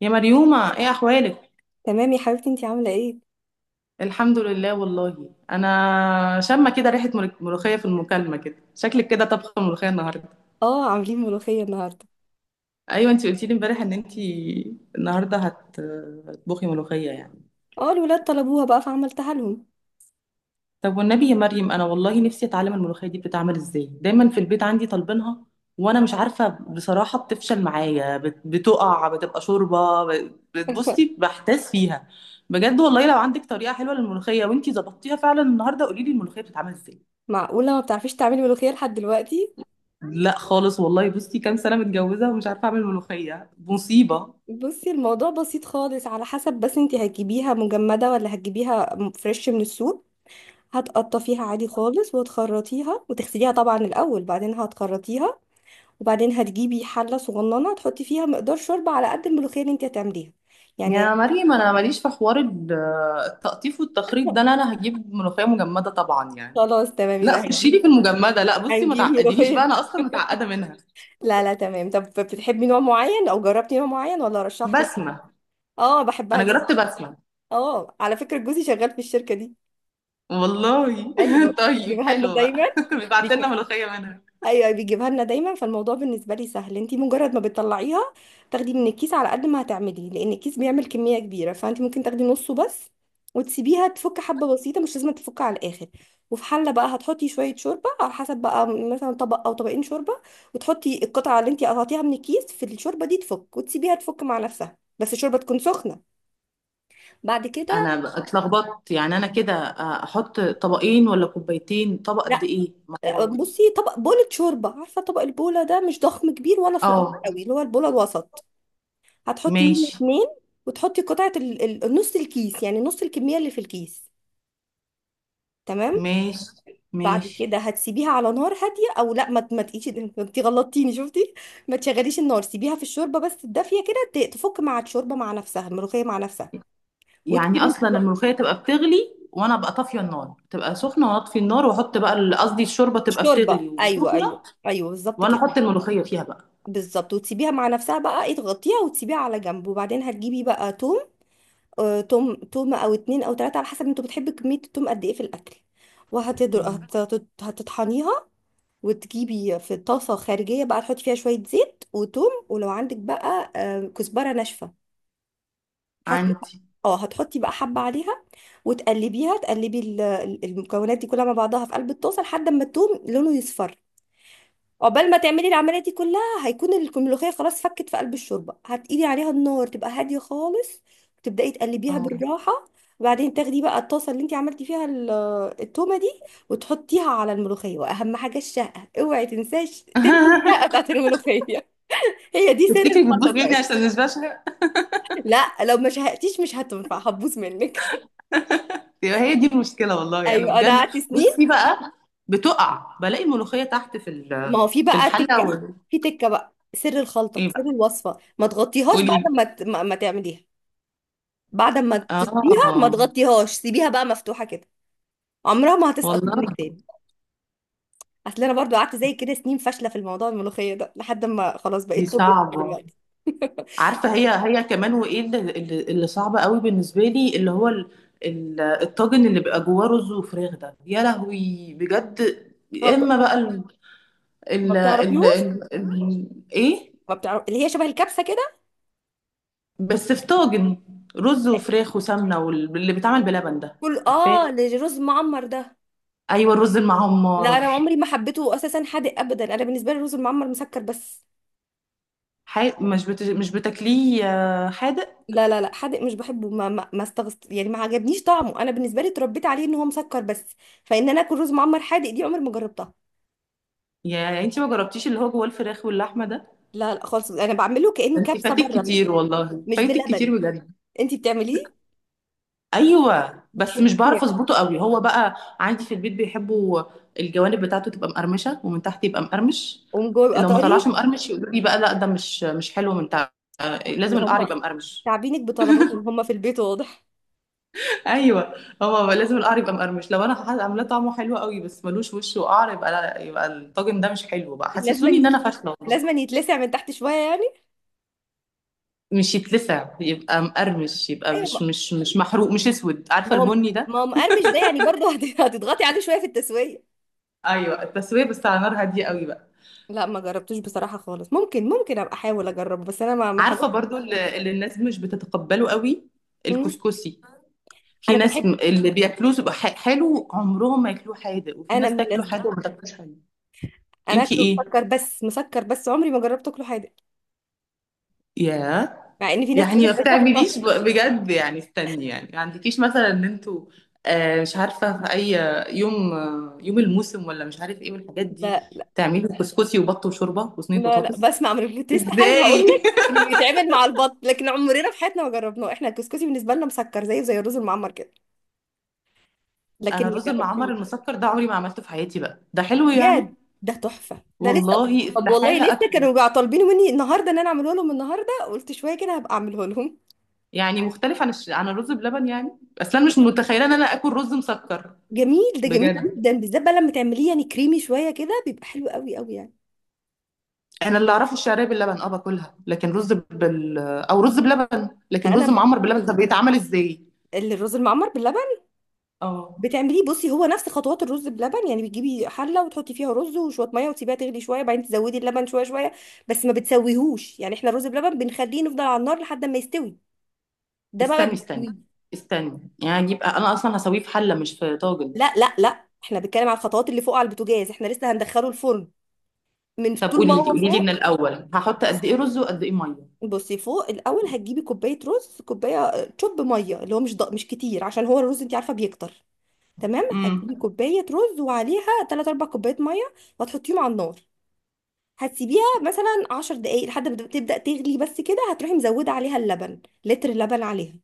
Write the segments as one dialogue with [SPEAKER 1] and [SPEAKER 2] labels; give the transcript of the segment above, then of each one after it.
[SPEAKER 1] يا مريومة، ايه احوالك؟
[SPEAKER 2] تمام يا حبيبتي، انتي عاملة ايه؟
[SPEAKER 1] الحمد لله، والله انا شامه كده ريحه ملوخيه في المكالمه، كده شكلك كده طبخه ملوخيه النهارده.
[SPEAKER 2] اه، عاملين ملوخية النهاردة.
[SPEAKER 1] ايوه، انت قلتي لي امبارح ان انت النهارده هتطبخي ملوخيه يعني.
[SPEAKER 2] اه، الولاد طلبوها بقى فعملتها لهم.
[SPEAKER 1] طب والنبي يا مريم، انا والله نفسي اتعلم الملوخيه دي بتتعمل ازاي، دايما في البيت عندي طالبينها. وانا مش عارفه بصراحه، بتفشل معايا، بتقع، بتبقى شوربه، بتبصي بحتاس فيها. بجد والله، لو عندك طريقه حلوه للملوخيه وانتي ظبطتيها فعلا النهارده، قولي لي الملوخيه بتتعمل ازاي.
[SPEAKER 2] معقولة ما بتعرفيش تعملي ملوخية لحد دلوقتي؟
[SPEAKER 1] لا خالص والله، بصي كام سنة متجوزة ومش عارفة أعمل ملوخية، مصيبة.
[SPEAKER 2] بصي، الموضوع بسيط خالص، على حسب، بس انتي هتجيبيها مجمدة ولا هتجيبيها فريش من السوق؟ هتقطفيها عادي خالص وتخرطيها وتغسليها طبعا الأول، بعدين هتخرطيها. وبعدين هتجيبي حلة صغننة تحطي فيها مقدار شوربة على قد الملوخية اللي انتي هتعمليها يعني.
[SPEAKER 1] يا مريم، أنا ماليش في حوار التقطيف والتخريط ده، لا أنا هجيب ملوخية مجمدة طبعا يعني.
[SPEAKER 2] خلاص، تمام،
[SPEAKER 1] لا
[SPEAKER 2] يبقى
[SPEAKER 1] خشي لي
[SPEAKER 2] هتجيبي.
[SPEAKER 1] في المجمدة، لا بصي، ما
[SPEAKER 2] هنجيب
[SPEAKER 1] تعقدينيش بقى،
[SPEAKER 2] ملوخية.
[SPEAKER 1] أنا أصلا متعقدة منها.
[SPEAKER 2] لا لا، تمام. طب بتحبي نوع معين او جربتي نوع معين ولا ارشح لك؟
[SPEAKER 1] بسمة.
[SPEAKER 2] اه، بحبها
[SPEAKER 1] أنا
[SPEAKER 2] جدا.
[SPEAKER 1] جربت بسمة.
[SPEAKER 2] اه، على فكرة جوزي شغال في الشركة دي.
[SPEAKER 1] والله
[SPEAKER 2] ايوه،
[SPEAKER 1] طيب
[SPEAKER 2] بيجيبها لنا
[SPEAKER 1] حلو
[SPEAKER 2] دايما.
[SPEAKER 1] بقى. بيبعت لنا ملوخية منها.
[SPEAKER 2] فالموضوع بالنسبه لي سهل، انت مجرد ما بتطلعيها تاخدي من الكيس على قد ما هتعملي، لان الكيس بيعمل كميه كبيره، فانت ممكن تاخدي نصه بس. وتسيبيها تفك حبه بسيطه، مش لازم تفك على الاخر. وفي حله بقى هتحطي شويه شوربه، على حسب بقى، مثلا طبق او طبقين شوربه. وتحطي القطعه اللي انت قطعتيها من الكيس في الشوربه دي، تفك وتسيبيها تفك مع نفسها، بس الشوربه تكون سخنه. بعد كده.
[SPEAKER 1] أنا بقى اتلخبطت يعني، أنا كده أحط طبقين ولا كوبايتين؟ طبق قد
[SPEAKER 2] لا،
[SPEAKER 1] إيه؟ ما هو-
[SPEAKER 2] بصي، طبق بولة شوربه، عارفه طبق البوله ده مش ضخم كبير ولا صغير
[SPEAKER 1] اه.
[SPEAKER 2] قوي، اللي هو البوله الوسط. هتحطي منه
[SPEAKER 1] ماشي.
[SPEAKER 2] اتنين. وتحطي قطعة نص الكيس، يعني نص الكمية اللي في الكيس. تمام.
[SPEAKER 1] ماشي.
[SPEAKER 2] بعد
[SPEAKER 1] ماشي.
[SPEAKER 2] كده هتسيبيها على نار هادية، او لا، ما تقيش. انت غلطتيني شفتي. ما تشغليش النار، سيبيها في الشوربة بس الدافية كده تفك مع الشوربة مع نفسها، الملوخية مع نفسها.
[SPEAKER 1] يعني
[SPEAKER 2] وتكوني
[SPEAKER 1] اصلا الملوخيه تبقى بتغلي وانا ابقى طافيه النار، تبقى سخنه وانا اطفي النار واحط بقى قصدي الشوربه تبقى
[SPEAKER 2] الشوربة،
[SPEAKER 1] بتغلي
[SPEAKER 2] ايوه،
[SPEAKER 1] وسخنه.
[SPEAKER 2] ايوه. ايوه بالظبط
[SPEAKER 1] وانا
[SPEAKER 2] كده.
[SPEAKER 1] احط الملوخيه فيها بقى.
[SPEAKER 2] بالظبط، وتسيبيها مع نفسها بقى، ايه، تغطيها وتسيبيها على جنب. وبعدين هتجيبي بقى توم، توم، تومة أو اتنين أو تلاتة، على حسب انتوا بتحبوا كمية التوم قد ايه في الأكل.
[SPEAKER 1] مم.
[SPEAKER 2] هتطحنيها. وتجيبي في طاسة خارجية بقى، تحطي فيها شوية زيت وتوم، ولو عندك بقى كزبرة ناشفة حسب.
[SPEAKER 1] عندي.
[SPEAKER 2] اه، هتحطي بقى حبة عليها. وتقلبيها المكونات دي كلها مع بعضها في قلب الطاسة لحد ما التوم لونه يصفر. عقبال ما تعملي العمليه دي كلها، هيكون الملوخيه خلاص فكت في قلب الشوربه. هتقيلي عليها النار تبقى هاديه خالص، وتبداي تقلبيها
[SPEAKER 1] اه.
[SPEAKER 2] بالراحه. وبعدين تاخدي بقى الطاسه اللي انت عملتي فيها التومه دي وتحطيها على الملوخيه. واهم حاجه الشقه، اوعي تنساش تنسي الشقه بتاعت الملوخيه، هي دي سر
[SPEAKER 1] تفتكري بتبوظ
[SPEAKER 2] الخطه
[SPEAKER 1] مني
[SPEAKER 2] يعني.
[SPEAKER 1] عشان مش بشهق؟
[SPEAKER 2] لا، لو ما شهقتيش مش هتنفع، هتبوظ منك.
[SPEAKER 1] يبقى هي دي المشكله والله، انا
[SPEAKER 2] ايوه، انا
[SPEAKER 1] بجد،
[SPEAKER 2] قعدت سنين.
[SPEAKER 1] بصي بقى. بتقع بلاقي الملوخيه تحت في
[SPEAKER 2] ما هو في
[SPEAKER 1] في
[SPEAKER 2] بقى
[SPEAKER 1] الحله
[SPEAKER 2] تكه، في تكه بقى سر الخلطه،
[SPEAKER 1] ايه
[SPEAKER 2] سر
[SPEAKER 1] بقى،
[SPEAKER 2] الوصفه، ما تغطيهاش
[SPEAKER 1] قولي لي.
[SPEAKER 2] بعد ما تعمليها. بعد ما تسقيها ما
[SPEAKER 1] اه.
[SPEAKER 2] تغطيهاش، سيبيها بقى مفتوحة كده، عمرها ما هتسقط
[SPEAKER 1] والله
[SPEAKER 2] منك تاني. اصل انا برضو قعدت زي كده سنين فاشلة في الموضوع الملوخية ده، لحد ما خلاص
[SPEAKER 1] دي
[SPEAKER 2] بقيت توب
[SPEAKER 1] صعبه.
[SPEAKER 2] دلوقتي.
[SPEAKER 1] عارفه هي. هي كمان، وايه اللي صعب قوي بالنسبه لي، اللي هو الطاجن اللي بيبقى جواه رز وفراخ ده، يا لهوي بجد.
[SPEAKER 2] ما
[SPEAKER 1] يا
[SPEAKER 2] بت-
[SPEAKER 1] اما بقى ال
[SPEAKER 2] ما
[SPEAKER 1] ال ال
[SPEAKER 2] بتعرفيوش.
[SPEAKER 1] ال ال ايه؟
[SPEAKER 2] ما بتعرف اللي هي شبه الكبسة كده.
[SPEAKER 1] بس في طاجن، رز وفراخ وسمنه، واللي بيتعمل بلبن ده.
[SPEAKER 2] كل
[SPEAKER 1] عارفاه؟
[SPEAKER 2] الرز معمر ده.
[SPEAKER 1] ايوه، الرز
[SPEAKER 2] لا، انا
[SPEAKER 1] المعمر.
[SPEAKER 2] عمري ما حبيته اساسا، حادق ابدا، انا بالنسبة لي الرز المعمر مسكر بس.
[SPEAKER 1] مش بتاكليه حادق؟
[SPEAKER 2] لا لا لا، حادق مش بحبه، ما استغست يعني، ما عجبنيش طعمه، انا بالنسبة لي اتربيت عليه ان هو مسكر بس، فان انا اكل رز معمر حادق دي عمري ما جربتها.
[SPEAKER 1] يا انت ما جربتيش اللي هو جواه الفراخ واللحمه ده؟
[SPEAKER 2] لا لا خالص، انا بعمله كانه
[SPEAKER 1] انت
[SPEAKER 2] كبسه،
[SPEAKER 1] فاتك
[SPEAKER 2] بره،
[SPEAKER 1] كتير، والله
[SPEAKER 2] مش
[SPEAKER 1] فاتك
[SPEAKER 2] بلبن.
[SPEAKER 1] كتير بجد.
[SPEAKER 2] انت بتعمليه؟
[SPEAKER 1] ايوه، بس مش
[SPEAKER 2] بتحبيه؟
[SPEAKER 1] بعرف اظبطه قوي هو بقى. عندي في البيت بيحبوا. الجوانب بتاعته تبقى مقرمشه، ومن تحت يبقى مقرمش.
[SPEAKER 2] ومن جوه بيبقى
[SPEAKER 1] لو ما
[SPEAKER 2] طري.
[SPEAKER 1] طلعش مقرمش يقولوا لي بقى، لا ده مش حلو من تحت. آه،
[SPEAKER 2] ان
[SPEAKER 1] لازم
[SPEAKER 2] هم
[SPEAKER 1] القعر يبقى مقرمش.
[SPEAKER 2] تعبينك بطلباتهم هم في البيت واضح.
[SPEAKER 1] ايوه. هو بقى لازم القعر يبقى مقرمش، لو انا عاملاه طعمه حلو قوي بس ملوش وش وقعر يبقى لا، يبقى الطاجن ده مش حلو بقى،
[SPEAKER 2] لازم
[SPEAKER 1] حسسوني ان انا
[SPEAKER 2] يت...
[SPEAKER 1] فاشله والله.
[SPEAKER 2] لازم يتلسع من تحت شويه يعني.
[SPEAKER 1] مش يتلسع، يبقى مقرمش، يبقى
[SPEAKER 2] ايوه،
[SPEAKER 1] مش مش مش محروق، مش اسود، عارفه
[SPEAKER 2] ما هم
[SPEAKER 1] البني ده.
[SPEAKER 2] ما هم مقرمش ده يعني، برضه هتضغطي عليه شويه في التسويه.
[SPEAKER 1] ايوه، التسويه بس على نار هاديه قوي بقى.
[SPEAKER 2] لا، ما جربتوش بصراحه خالص، ممكن ابقى احاول اجربه، بس انا ما
[SPEAKER 1] عارفة
[SPEAKER 2] حاولتش.
[SPEAKER 1] برضو اللي الناس مش بتتقبله قوي.
[SPEAKER 2] مم.
[SPEAKER 1] الكسكسي. في
[SPEAKER 2] انا
[SPEAKER 1] ناس
[SPEAKER 2] بحب،
[SPEAKER 1] اللي بياكلوه بيبقى حلو عمرهم ما ياكلوه حادق، وفي
[SPEAKER 2] انا
[SPEAKER 1] ناس
[SPEAKER 2] من الناس
[SPEAKER 1] تاكله
[SPEAKER 2] دي.
[SPEAKER 1] حادق وما تاكلوش حلو.
[SPEAKER 2] انا
[SPEAKER 1] انتي
[SPEAKER 2] اكله
[SPEAKER 1] ايه؟
[SPEAKER 2] مسكر بس، مسكر بس، عمري ما جربت اكله حادق،
[SPEAKER 1] يا.
[SPEAKER 2] مع ان في ناس تقول
[SPEAKER 1] يعني ما
[SPEAKER 2] لك ده تحفه.
[SPEAKER 1] بتعمليش بجد يعني، استني يعني، ما عندكيش مثلا ان انتوا مش عارفة في اي يوم، يوم الموسم ولا مش عارف ايه، والحاجات دي.
[SPEAKER 2] لا
[SPEAKER 1] تعملوا كسكسي وبط وشوربة وصينية
[SPEAKER 2] لا لا،
[SPEAKER 1] بطاطس؟
[SPEAKER 2] بسمع من البلوتيست حالا هقول
[SPEAKER 1] ازاي؟
[SPEAKER 2] لك انه يتعمل مع البط، لكن عمرنا في حياتنا ما جربناه، احنا الكسكسي بالنسبه لنا مسكر، زيه زي الرز المعمر كده. لكن
[SPEAKER 1] انا
[SPEAKER 2] ما
[SPEAKER 1] الرز المعمر
[SPEAKER 2] جربتيه.
[SPEAKER 1] المسكر ده عمري ما عملته في حياتي بقى، ده حلو يعني؟
[SPEAKER 2] بجد، ده تحفه ده لسه.
[SPEAKER 1] والله
[SPEAKER 2] طب والله
[SPEAKER 1] استحالة
[SPEAKER 2] لسه
[SPEAKER 1] اكله.
[SPEAKER 2] كانوا بقى طالبينه مني النهارده، ان انا اعمله لهم النهارده قلت شويه كده هبقى اعمله لهم.
[SPEAKER 1] يعني مختلف عن عن الرز بلبن، يعني اصل انا مش متخيله ان انا اكل رز مسكر.
[SPEAKER 2] جميل، ده جميل
[SPEAKER 1] بجد.
[SPEAKER 2] جدا، بالذات بقى لما تعمليه يعني كريمي شويه كده بيبقى حلو قوي قوي يعني.
[SPEAKER 1] انا اللي اعرفه الشعريه باللبن، باكلها لكن رز او رز بلبن، لكن
[SPEAKER 2] انا
[SPEAKER 1] رز
[SPEAKER 2] بقى
[SPEAKER 1] معمر باللبن ده بيتعمل ازاي؟
[SPEAKER 2] الرز المعمر باللبن
[SPEAKER 1] اه.
[SPEAKER 2] بتعمليه، بصي هو نفس خطوات الرز بلبن، يعني بتجيبي حله وتحطي فيها رز وشويه ميه وتسيبيها تغلي شويه، بعدين تزودي اللبن شويه شويه. بس ما بتسويهوش يعني، احنا الرز بلبن بنخليه نفضل على النار لحد ما يستوي، ده بقى ما
[SPEAKER 1] استني استني
[SPEAKER 2] بيستوي.
[SPEAKER 1] استني، يعني يبقى انا اصلا هسويه في حله مش في طاجن؟
[SPEAKER 2] لا لا لا، احنا بنتكلم على الخطوات اللي فوق على البوتاجاز، احنا لسه هندخله الفرن من
[SPEAKER 1] طب
[SPEAKER 2] طول ما
[SPEAKER 1] قولي لي
[SPEAKER 2] هو
[SPEAKER 1] قولي لي، من
[SPEAKER 2] فوق.
[SPEAKER 1] الاول هحط
[SPEAKER 2] بس-
[SPEAKER 1] قد ايه رز وقد ايه ميه؟
[SPEAKER 2] بصي فوق الاول، هتجيبي كوبايه رز، كوبايه شوب ميه، اللي هو مش كتير، عشان هو الرز انت عارفه بيكتر. تمام،
[SPEAKER 1] امم.
[SPEAKER 2] هتجيبي كوبايه رز وعليها 3 4 كوبايات ميه، وهتحطيهم على النار، هتسيبيها مثلا 10 دقايق لحد ما تبدأ تغلي، بس كده هتروحي مزودة عليها اللبن، لتر لبن عليها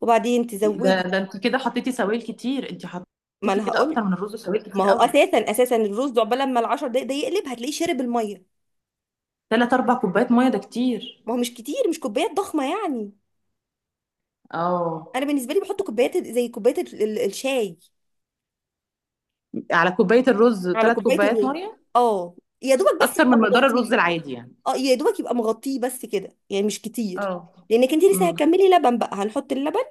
[SPEAKER 2] وبعدين
[SPEAKER 1] ده
[SPEAKER 2] تزودي.
[SPEAKER 1] ده انت كده حطيتي سوائل كتير، انت
[SPEAKER 2] ما
[SPEAKER 1] حطيتي
[SPEAKER 2] انا
[SPEAKER 1] كده
[SPEAKER 2] هقول،
[SPEAKER 1] اكتر من الرز سوائل
[SPEAKER 2] ما
[SPEAKER 1] كتير
[SPEAKER 2] هو
[SPEAKER 1] قوي.
[SPEAKER 2] اساسا الرز ده عقبال لما العشر دقايق ده يقلب هتلاقيه شرب المية.
[SPEAKER 1] 3 4 كوبايات ميه ده كتير.
[SPEAKER 2] ما هو مش كتير، مش كوبايات ضخمة يعني،
[SPEAKER 1] اه،
[SPEAKER 2] انا بالنسبة لي بحط كوبايات زي كوباية الشاي،
[SPEAKER 1] على كوباية الرز
[SPEAKER 2] على
[SPEAKER 1] 3
[SPEAKER 2] كوباية
[SPEAKER 1] كوبايات
[SPEAKER 2] الرز.
[SPEAKER 1] مية.
[SPEAKER 2] اه، يا دوبك بس
[SPEAKER 1] أكتر
[SPEAKER 2] يبقى
[SPEAKER 1] من مقدار الرز
[SPEAKER 2] مغطيه.
[SPEAKER 1] العادي يعني.
[SPEAKER 2] اه، يا دوبك يبقى مغطيه بس كده يعني مش كتير،
[SPEAKER 1] اه.
[SPEAKER 2] لانك انت لسه
[SPEAKER 1] امم.
[SPEAKER 2] هتكملي لبن بقى. هنحط اللبن،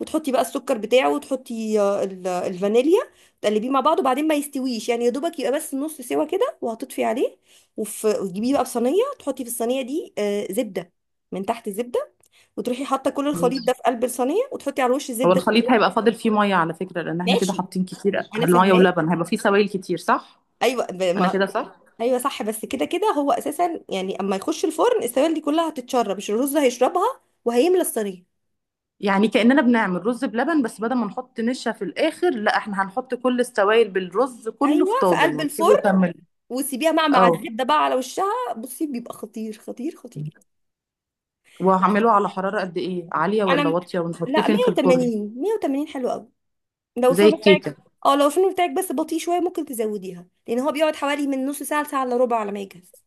[SPEAKER 2] وتحطي بقى السكر بتاعه، وتحطي الفانيليا، تقلبيه مع بعض، وبعدين ما يستويش يعني، يا دوبك يبقى بس نص سوا كده، وهتطفي عليه. وتجيبيه بقى في صينيه، تحطي في الصينيه دي زبده من تحت، زبده، وتروحي حاطه كل الخليط
[SPEAKER 1] ماشي.
[SPEAKER 2] ده في قلب الصينيه، وتحطي على الوش
[SPEAKER 1] هو
[SPEAKER 2] زبده
[SPEAKER 1] الخليط
[SPEAKER 2] تاني.
[SPEAKER 1] هيبقى فاضل فيه مية على فكرة، لأن احنا كده
[SPEAKER 2] ماشي،
[SPEAKER 1] حاطين كتير،
[SPEAKER 2] انا
[SPEAKER 1] المية
[SPEAKER 2] فاهماك.
[SPEAKER 1] ولبن هيبقى فيه سوائل كتير صح؟
[SPEAKER 2] ايوه،
[SPEAKER 1] أنا كده صح؟
[SPEAKER 2] ايوه صح، بس كده كده هو اساسا يعني اما يخش الفرن السوائل دي كلها هتتشرب، مش الرز هيشربها وهيملى الصينيه.
[SPEAKER 1] يعني كأننا بنعمل رز بلبن، بس بدل ما نحط نشا في الآخر، لا احنا هنحط كل السوائل بالرز كله في
[SPEAKER 2] ايوه في
[SPEAKER 1] طاجن
[SPEAKER 2] قلب
[SPEAKER 1] ونسيبه
[SPEAKER 2] الفرن،
[SPEAKER 1] يكمل.
[SPEAKER 2] وسيبيها مع
[SPEAKER 1] اه.
[SPEAKER 2] الزبده بقى على وشها. بصي بيبقى خطير، خطير، خطير. لا،
[SPEAKER 1] وهعمله على حرارة قد إيه؟ عالية
[SPEAKER 2] انا
[SPEAKER 1] ولا
[SPEAKER 2] م-
[SPEAKER 1] واطية؟ ونحطيه
[SPEAKER 2] لا
[SPEAKER 1] فين في الفرن؟
[SPEAKER 2] 180 180 حلو قوي، لو
[SPEAKER 1] زي
[SPEAKER 2] الفرن بتاعك.
[SPEAKER 1] الكيكة؟
[SPEAKER 2] اه، لو الفرن بتاعك بس بطيء شويه ممكن تزوديها، لان هو بيقعد حوالي من نص ساعه لساعه الا ربع على ما يجهز.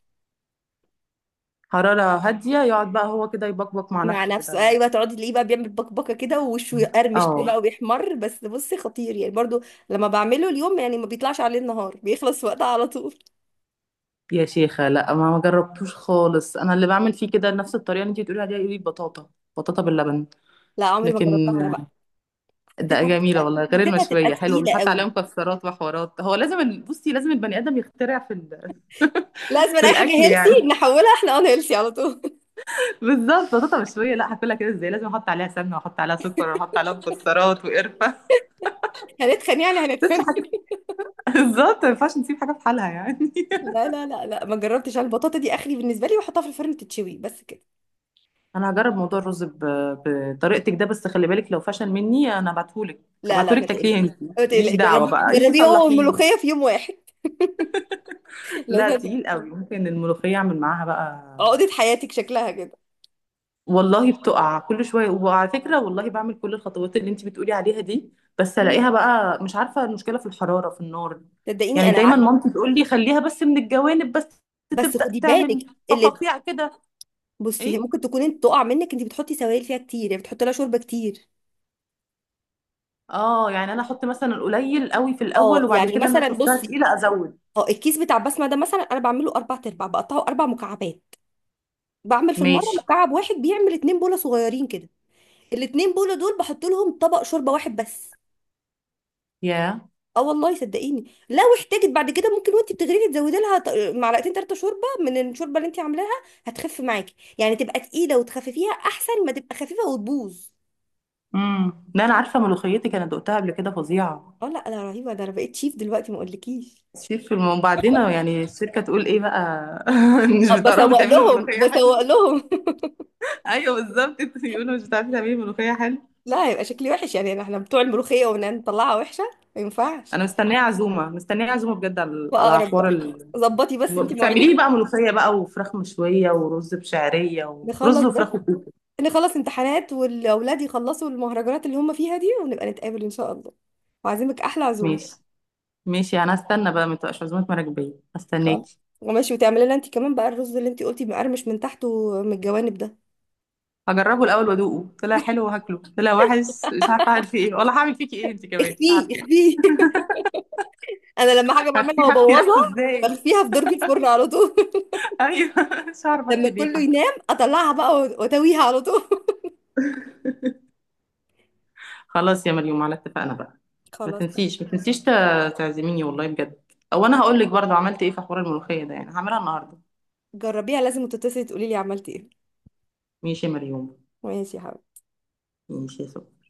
[SPEAKER 1] حرارة هادية، يقعد بقى هو كده يبقبق مع
[SPEAKER 2] مع
[SPEAKER 1] نفسه
[SPEAKER 2] نفسه،
[SPEAKER 1] كده.
[SPEAKER 2] ايوه، تقعدي تلاقيه بقى بيعمل بكبكه كده ووشه يقرمش كده
[SPEAKER 1] اه.
[SPEAKER 2] بقى وبيحمر، بس بصي خطير يعني برضو. لما بعمله اليوم يعني ما بيطلعش عليه النهار، بيخلص وقتها على طول.
[SPEAKER 1] يا شيخة لا، ما جربتوش خالص، انا اللي بعمل فيه كده نفس الطريقه اللي انت بتقولي عليها دي بطاطا. بطاطا باللبن،
[SPEAKER 2] لا عمري ما
[SPEAKER 1] لكن
[SPEAKER 2] جربتها انا بقى،
[SPEAKER 1] ده جميله والله، غير
[SPEAKER 2] حسيتها تبقى
[SPEAKER 1] المشويه حلوه
[SPEAKER 2] تقيله
[SPEAKER 1] بيتحط عليها
[SPEAKER 2] قوي.
[SPEAKER 1] مكسرات وحوارات، هو لازم بصي لازم البني ادم يخترع في
[SPEAKER 2] لازم
[SPEAKER 1] في
[SPEAKER 2] اي حاجه
[SPEAKER 1] الاكل
[SPEAKER 2] هيلسي
[SPEAKER 1] يعني.
[SPEAKER 2] نحولها احنا، انا هيلسي على طول.
[SPEAKER 1] بالظبط، بطاطا مشويه لا هاكلها كده ازاي، لازم احط عليها سمنه واحط عليها سكر واحط عليها مكسرات وقرفه.
[SPEAKER 2] هنتخن يعني هنتخن.
[SPEAKER 1] بالظبط، ما ينفعش نسيب حاجه في حالها يعني.
[SPEAKER 2] لا لا لا لا، ما جربتش انا البطاطا دي اخري بالنسبه لي، واحطها في الفرن تتشوي بس كده.
[SPEAKER 1] انا هجرب موضوع الرز بطريقتك ده، بس خلي بالك لو فشل مني انا هبعتهولك.
[SPEAKER 2] لا لا
[SPEAKER 1] هبعتهولك
[SPEAKER 2] ما
[SPEAKER 1] تاكليه
[SPEAKER 2] تقلقيش.
[SPEAKER 1] انت.
[SPEAKER 2] ما
[SPEAKER 1] ماليش
[SPEAKER 2] تقلقي،
[SPEAKER 1] دعوه
[SPEAKER 2] جربي
[SPEAKER 1] بقى، انت
[SPEAKER 2] جربيه هو
[SPEAKER 1] صلحيني.
[SPEAKER 2] والملوخيه في يوم واحد.
[SPEAKER 1] لا
[SPEAKER 2] لازم تج-
[SPEAKER 1] تقيل قوي، ممكن الملوخيه اعمل معاها بقى.
[SPEAKER 2] عقده حياتك شكلها كده.
[SPEAKER 1] والله بتقع كل شويه، وعلى فكره والله بعمل كل الخطوات اللي انت بتقولي عليها دي. بس
[SPEAKER 2] مم.
[SPEAKER 1] الاقيها بقى مش عارفه، المشكله في الحراره، في النار.
[SPEAKER 2] صدقيني
[SPEAKER 1] يعني
[SPEAKER 2] انا
[SPEAKER 1] دايما
[SPEAKER 2] قعدت.
[SPEAKER 1] مامتي تقول لي خليها بس من الجوانب بس.
[SPEAKER 2] بس
[SPEAKER 1] تبدا
[SPEAKER 2] خدي
[SPEAKER 1] تعمل
[SPEAKER 2] بالك اللي،
[SPEAKER 1] فقاقيع كده.
[SPEAKER 2] بصي هي
[SPEAKER 1] ايه.
[SPEAKER 2] ممكن تكون انت تقع منك، انت بتحطي سوائل فيها كتير يعني، بتحطي لها شوربه كتير.
[SPEAKER 1] اه، يعني انا احط مثلا القليل قوي في الاول،
[SPEAKER 2] اه
[SPEAKER 1] وبعد
[SPEAKER 2] يعني
[SPEAKER 1] كده انا
[SPEAKER 2] مثلا
[SPEAKER 1] شفتها
[SPEAKER 2] بصي،
[SPEAKER 1] تقيله ازود.
[SPEAKER 2] اه الكيس بتاع بسمه ده، مثلا انا بعمله اربع ارباع بقطعه اربع مكعبات، بعمل في المره
[SPEAKER 1] ماشي.
[SPEAKER 2] مكعب واحد بيعمل اتنين بوله صغيرين كده. الاتنين بوله دول بحط لهم طبق شوربه واحد بس.
[SPEAKER 1] ياه.
[SPEAKER 2] اه والله صدقيني، لو احتاجت بعد كده ممكن وانت بتغرفي تزودي لها معلقتين ثلاثه شوربه من الشوربه اللي انت عاملاها، هتخف معاكي يعني، تبقى تقيله وتخففيها احسن ما تبقى خفيفه وتبوظ.
[SPEAKER 1] امم. لا انا عارفه ملوخيتك، انا دقتها قبل كده، فظيعه.
[SPEAKER 2] اه، لا انا رهيبه، ده انا بقيت شيف دلوقتي ما اقولكيش.
[SPEAKER 1] شيف في وبعدين يعني الشركه تقول ايه بقى؟ مش بتعرفي
[SPEAKER 2] بسوق
[SPEAKER 1] تعملي
[SPEAKER 2] لهم،
[SPEAKER 1] ملوخيه
[SPEAKER 2] بسوق
[SPEAKER 1] حلوه.
[SPEAKER 2] لهم.
[SPEAKER 1] ايوه بالظبط. يقولوا مش بتعرفي تعملي ملوخيه حلوه.
[SPEAKER 2] لا هيبقى شكلي وحش يعني، احنا بتوع الملوخيه ونطلعها وحشه، ما ينفعش.
[SPEAKER 1] انا مستنيه عزومه مستنيه عزومه بجد، على
[SPEAKER 2] فاقرب
[SPEAKER 1] حوار
[SPEAKER 2] وقت، ظبطي بس انت مواعيدك.
[SPEAKER 1] بتعمليه بقى ملوخيه بقى، وفراخ مشويه، ورز بشعريه،
[SPEAKER 2] نخلص
[SPEAKER 1] ورز
[SPEAKER 2] بس،
[SPEAKER 1] وفراخ وكوكو.
[SPEAKER 2] نخلص امتحانات والاولاد يخلصوا المهرجانات اللي هم فيها دي، ونبقى نتقابل ان شاء الله، وعازمك احلى عزومه.
[SPEAKER 1] ماشي. ماشي، انا هستنى بقى، ما تبقاش عزومه مراكبيه،
[SPEAKER 2] خلاص.
[SPEAKER 1] هستناكي.
[SPEAKER 2] وماشي، وتعملي لنا انت كمان بقى الرز اللي انت قلتي مقرمش من تحت ومن الجوانب ده.
[SPEAKER 1] هجربه الاول وادوقه، طلع حلو وهاكله، طلع وحش مش عارفه اعمل فيه ايه، ولا هعمل فيكي ايه انت كمان مش
[SPEAKER 2] اخفيه
[SPEAKER 1] عارفه.
[SPEAKER 2] اخفيه. انا لما حاجه
[SPEAKER 1] هخفي
[SPEAKER 2] بعملها
[SPEAKER 1] هخفي ريحته
[SPEAKER 2] وابوظها
[SPEAKER 1] ازاي؟
[SPEAKER 2] بخفيها في درج الفرن على طول،
[SPEAKER 1] ايوه. مش عارفه اخفي
[SPEAKER 2] لما كله
[SPEAKER 1] الريحه.
[SPEAKER 2] ينام اطلعها بقى واتويها على طول.
[SPEAKER 1] خلاص يا مريم، على اتفقنا بقى. ما
[SPEAKER 2] خلاص تمام.
[SPEAKER 1] تنسيش ما تنسيش تعزميني والله بجد. او انا هقول لك برضه عملت ايه في حوار الملوخيه ده، يعني هعملها النهارده.
[SPEAKER 2] جربيها، لازم تتصلي تقولي لي عملتي ايه.
[SPEAKER 1] ماشي يا مريم.
[SPEAKER 2] ماشي يا حبيبتي.
[SPEAKER 1] ماشي يا سكر.